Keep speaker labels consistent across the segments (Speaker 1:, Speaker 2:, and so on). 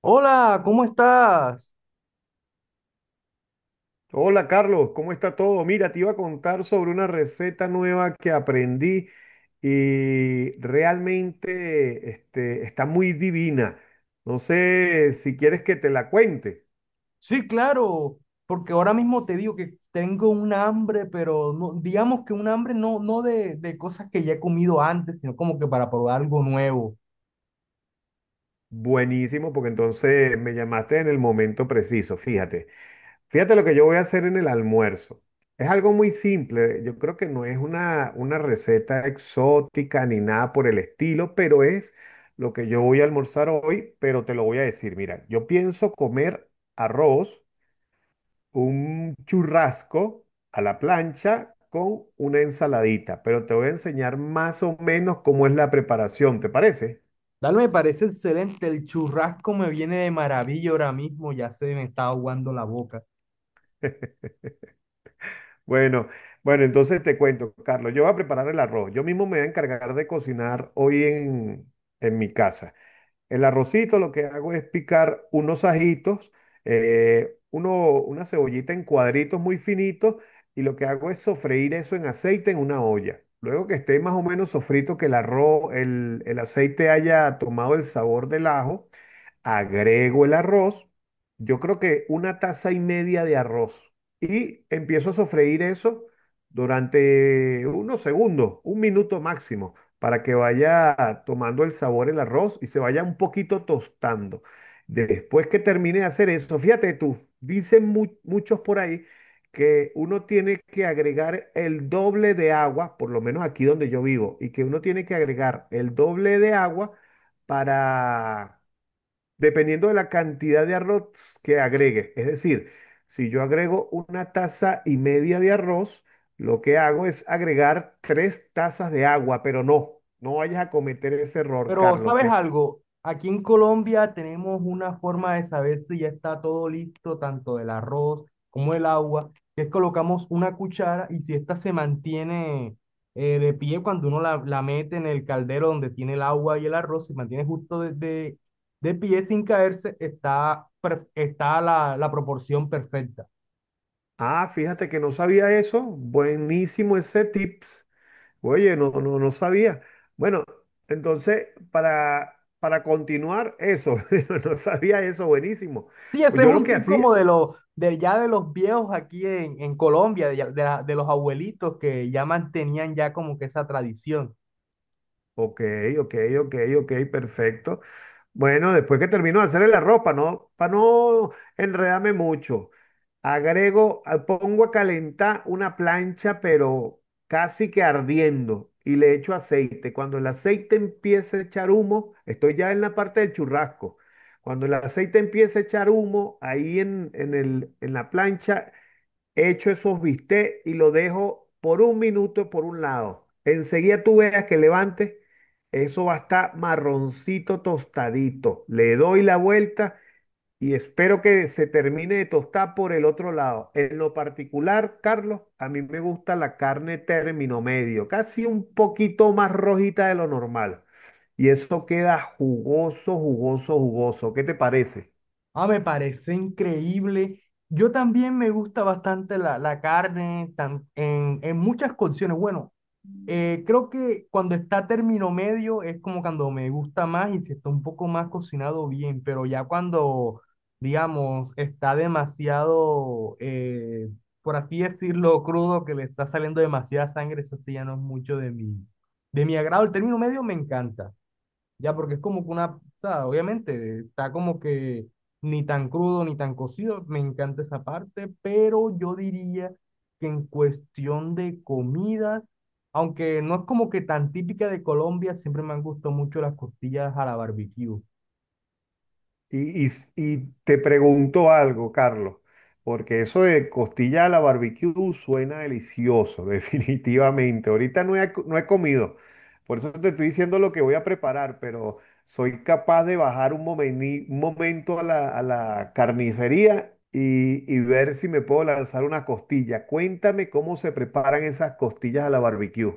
Speaker 1: Hola, ¿cómo estás?
Speaker 2: Hola Carlos, ¿cómo está todo? Mira, te iba a contar sobre una receta nueva que aprendí y realmente está muy divina. No sé si quieres que te la cuente.
Speaker 1: Sí, claro, porque ahora mismo te digo que tengo un hambre, pero no, digamos que un hambre no, de cosas que ya he comido antes, sino como que para probar algo nuevo.
Speaker 2: Buenísimo, porque entonces me llamaste en el momento preciso, fíjate. Fíjate lo que yo voy a hacer en el almuerzo. Es algo muy simple, yo creo que no es una receta exótica ni nada por el estilo, pero es lo que yo voy a almorzar hoy, pero te lo voy a decir. Mira, yo pienso comer arroz, un churrasco a la plancha con una ensaladita, pero te voy a enseñar más o menos cómo es la preparación, ¿te parece?
Speaker 1: Dale, me parece excelente, el churrasco me viene de maravilla ahora mismo, ya se me está aguando la boca.
Speaker 2: Bueno, bueno, entonces te cuento, Carlos, yo voy a preparar el arroz. Yo mismo me voy a encargar de cocinar hoy en mi casa. El arrocito lo que hago es picar unos ajitos, una cebollita en cuadritos muy finitos y lo que hago es sofreír eso en aceite en una olla. Luego que esté más o menos sofrito, que el aceite haya tomado el sabor del ajo, agrego el arroz, yo creo que una taza y media de arroz, y empiezo a sofreír eso durante unos segundos, un minuto máximo, para que vaya tomando el sabor el arroz y se vaya un poquito tostando. Después que termine de hacer eso, fíjate tú, dicen muchos por ahí que uno tiene que agregar el doble de agua, por lo menos aquí donde yo vivo, y que uno tiene que agregar el doble de agua para, dependiendo de la cantidad de arroz que agregue. Es decir, si yo agrego una taza y media de arroz, lo que hago es agregar tres tazas de agua, pero no, no vayas a cometer ese error,
Speaker 1: Pero,
Speaker 2: Carlos.
Speaker 1: ¿sabes algo? Aquí en Colombia tenemos una forma de saber si ya está todo listo, tanto del arroz como el agua, que es colocamos una cuchara y si esta se mantiene de pie cuando uno la mete en el caldero donde tiene el agua y el arroz, se mantiene justo de pie sin caerse, está la proporción perfecta.
Speaker 2: Ah, fíjate que no sabía eso. Buenísimo ese tips. Oye, no, no, no sabía. Bueno, entonces, para continuar eso, no sabía eso, buenísimo.
Speaker 1: Sí, ese es
Speaker 2: Yo lo
Speaker 1: un
Speaker 2: que
Speaker 1: tic
Speaker 2: hacía.
Speaker 1: como de los, de ya de los viejos aquí en Colombia, de los abuelitos que ya mantenían ya como que esa tradición.
Speaker 2: Ok, ok, ok, perfecto. Bueno, después que termino de hacerle la ropa, no, para no enredarme mucho, agrego, pongo a calentar una plancha, pero casi que ardiendo, y le echo aceite. Cuando el aceite empiece a echar humo, estoy ya en la parte del churrasco. Cuando el aceite empiece a echar humo, ahí en la plancha, echo esos bistecs y lo dejo por un minuto por un lado. Enseguida tú veas que levantes, eso va a estar marroncito tostadito. Le doy la vuelta y espero que se termine de tostar por el otro lado. En lo particular, Carlos, a mí me gusta la carne término medio, casi un poquito más rojita de lo normal. Y eso queda jugoso, jugoso, jugoso. ¿Qué te parece?
Speaker 1: Ah, me parece increíble. Yo también me gusta bastante la carne en muchas cocciones. Bueno, creo que cuando está término medio es como cuando me gusta más y si está un poco más cocinado bien, pero ya cuando, digamos, está demasiado, por así decirlo, crudo, que le está saliendo demasiada sangre, eso sí ya no es mucho de mi agrado. El término medio me encanta. Ya, porque es como que una, o sea, obviamente, está como que ni tan crudo ni tan cocido, me encanta esa parte, pero yo diría que en cuestión de comidas, aunque no es como que tan típica de Colombia, siempre me han gustado mucho las costillas a la barbecue.
Speaker 2: Y te pregunto algo, Carlos, porque eso de costilla a la barbecue suena delicioso, definitivamente. Ahorita no he, no he comido, por eso te estoy diciendo lo que voy a preparar, pero soy capaz de bajar un momento a a la carnicería y ver si me puedo lanzar una costilla. Cuéntame cómo se preparan esas costillas a la barbecue.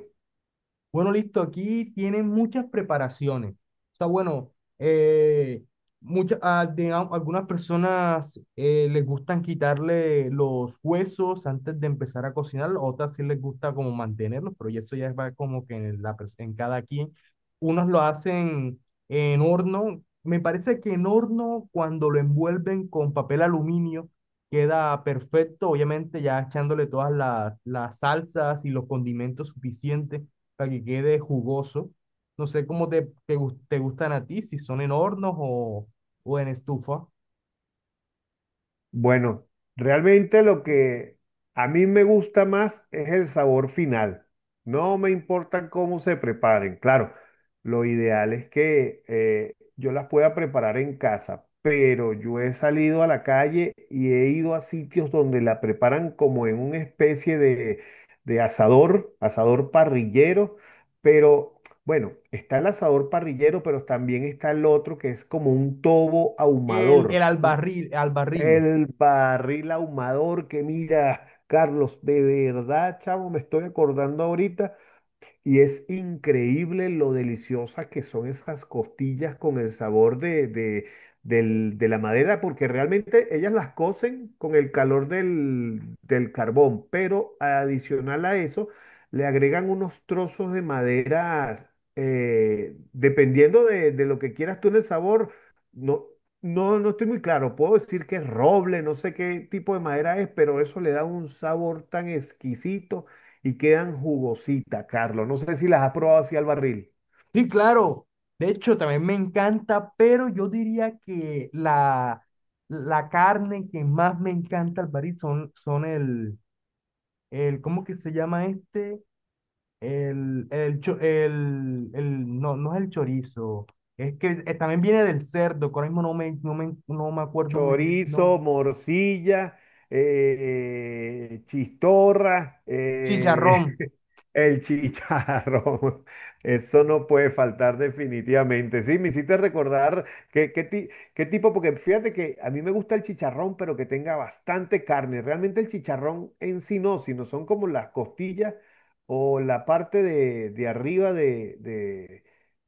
Speaker 1: Bueno, listo, aquí tienen muchas preparaciones. O sea, bueno, eh, digamos, algunas personas les gustan quitarle los huesos antes de empezar a cocinar, otras sí les gusta como mantenerlos, pero ya eso ya va como que en cada quien. Unos lo hacen en horno. Me parece que en horno, cuando lo envuelven con papel aluminio, queda perfecto, obviamente ya echándole todas las salsas y los condimentos suficientes para que quede jugoso. No sé cómo te gustan a ti, si son en hornos o en estufa.
Speaker 2: Bueno, realmente lo que a mí me gusta más es el sabor final. No me importa cómo se preparen. Claro, lo ideal es que yo las pueda preparar en casa, pero yo he salido a la calle y he ido a sitios donde la preparan como en una especie de asador, asador parrillero, pero... Bueno, está el asador parrillero, pero también está el otro que es como un tobo
Speaker 1: El
Speaker 2: ahumador.
Speaker 1: al barril, al barril.
Speaker 2: El barril ahumador que, mira, Carlos, de verdad, chavo, me estoy acordando ahorita y es increíble lo deliciosas que son esas costillas con el sabor de la madera, porque realmente ellas las cocen con el calor del carbón, pero adicional a eso, le agregan unos trozos de madera, dependiendo de lo que quieras tú en el sabor. No, no estoy muy claro, puedo decir que es roble, no sé qué tipo de madera es, pero eso le da un sabor tan exquisito y quedan jugositas, Carlos. No sé si las has probado así al barril.
Speaker 1: Sí, claro. De hecho, también me encanta, pero yo diría que la carne que más me encanta al barril son, ¿cómo que se llama este? El, cho- el- no, no es el chorizo. Es que también viene del cerdo, que ahora mismo no me acuerdo muy bien el nombre.
Speaker 2: Chorizo, morcilla, chistorra,
Speaker 1: Chicharrón,
Speaker 2: el chicharrón. Eso no puede faltar definitivamente. Sí, me hiciste recordar qué, qué, ti- qué tipo, porque fíjate que a mí me gusta el chicharrón, pero que tenga bastante carne. Realmente el chicharrón en sí no, sino son como las costillas o la parte de arriba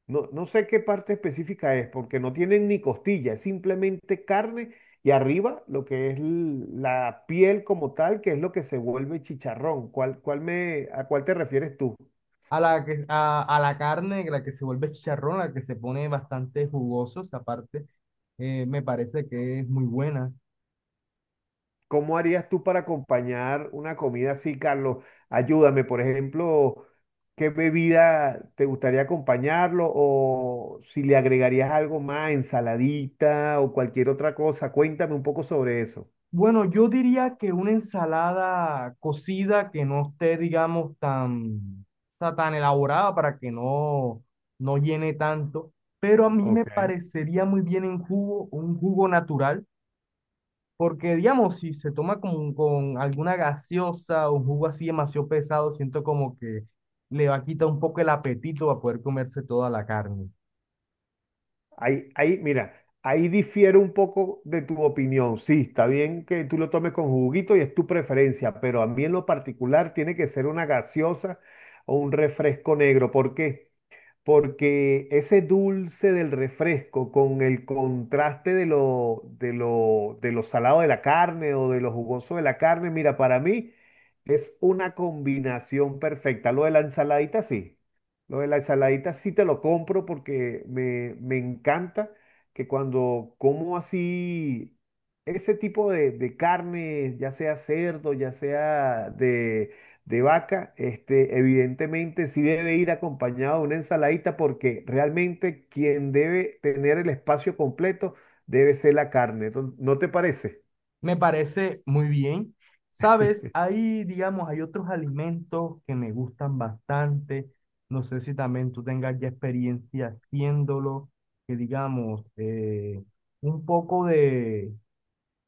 Speaker 2: no, no sé qué parte específica es, porque no tienen ni costilla, es simplemente carne y arriba, lo que es la piel como tal, que es lo que se vuelve chicharrón. ¿A cuál te refieres tú?
Speaker 1: a la carne, la que se vuelve chicharrón, la que se pone bastante jugosos, aparte, me parece que es muy buena.
Speaker 2: ¿Cómo harías tú para acompañar una comida así, Carlos? Ayúdame, por ejemplo, ¿qué bebida te gustaría acompañarlo? O si le agregarías algo más, ensaladita o cualquier otra cosa. Cuéntame un poco sobre eso.
Speaker 1: Bueno, yo diría que una ensalada cocida que no esté, digamos, tan elaborada para que no, no llene tanto, pero a mí me
Speaker 2: Ok.
Speaker 1: parecería muy bien en jugo, un jugo natural. Porque, digamos, si se toma con alguna gaseosa o un jugo así demasiado pesado, siento como que le va a quitar un poco el apetito a poder comerse toda la carne.
Speaker 2: Mira, ahí difiere un poco de tu opinión. Sí, está bien que tú lo tomes con juguito y es tu preferencia, pero a mí en lo particular tiene que ser una gaseosa o un refresco negro. ¿Por qué? Porque ese dulce del refresco con el contraste de de lo salado de la carne o de lo jugoso de la carne, mira, para mí es una combinación perfecta. Lo de la ensaladita sí te lo compro porque me encanta que cuando como así... Ese tipo de carne, ya sea cerdo, ya sea de vaca, este, evidentemente sí debe ir acompañado de una ensaladita porque realmente quien debe tener el espacio completo debe ser la carne. Entonces, ¿no te parece?
Speaker 1: Me parece muy bien. Sabes, ahí, digamos, hay otros alimentos que me gustan bastante. No sé si también tú tengas ya experiencia haciéndolo, que digamos, un poco de,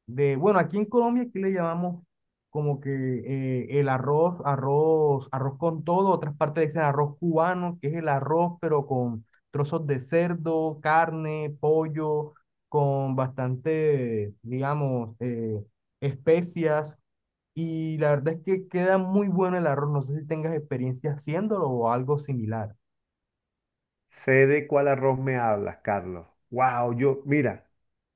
Speaker 1: de, bueno, aquí en Colombia aquí le llamamos como que el arroz con todo, otras partes le dicen arroz cubano, que es el arroz pero con trozos de cerdo, carne, pollo, con bastantes, digamos, especias. Y la verdad es que queda muy bueno el arroz. No sé si tengas experiencia haciéndolo o algo similar.
Speaker 2: Sé de cuál arroz me hablas, Carlos. Wow, yo, mira,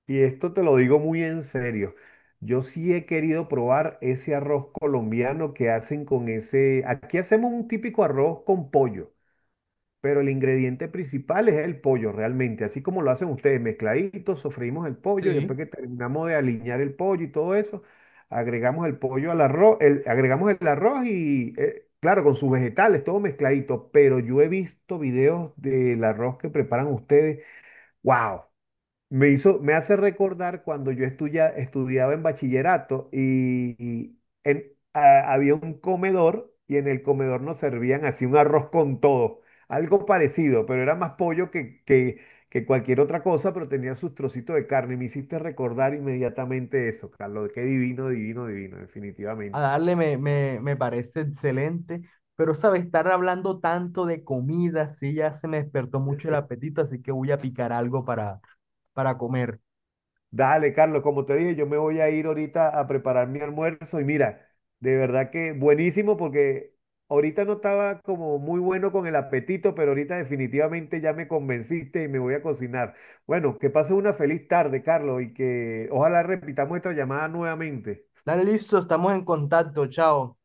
Speaker 2: y esto te lo digo muy en serio. Yo sí he querido probar ese arroz colombiano que hacen con ese. Aquí hacemos un típico arroz con pollo, pero el ingrediente principal es el pollo realmente, así como lo hacen ustedes, mezcladito, sofreímos el pollo y
Speaker 1: Sí,
Speaker 2: después que terminamos de aliñar el pollo y todo eso, agregamos el pollo al arroz, agregamos el arroz y, claro, con sus vegetales, todo mezcladito, pero yo he visto videos del arroz que preparan ustedes, wow, me hace recordar cuando yo estudiaba en bachillerato y en- había un comedor y en el comedor nos servían así un arroz con todo, algo parecido, pero era más pollo que cualquier otra cosa, pero tenía sus trocitos de carne. Y me hiciste recordar inmediatamente eso, Carlos, qué divino, divino, divino,
Speaker 1: a
Speaker 2: definitivamente.
Speaker 1: darle me parece excelente, pero sabes, estar hablando tanto de comida, sí, ya se me despertó mucho el apetito, así que voy a picar algo para comer.
Speaker 2: Dale, Carlos, como te dije, yo me voy a ir ahorita a preparar mi almuerzo y mira, de verdad que buenísimo porque ahorita no estaba como muy bueno con el apetito, pero ahorita definitivamente ya me convenciste y me voy a cocinar. Bueno, que pases una feliz tarde, Carlos, y que ojalá repitamos esta llamada nuevamente.
Speaker 1: Dale, listo, estamos en contacto, chao.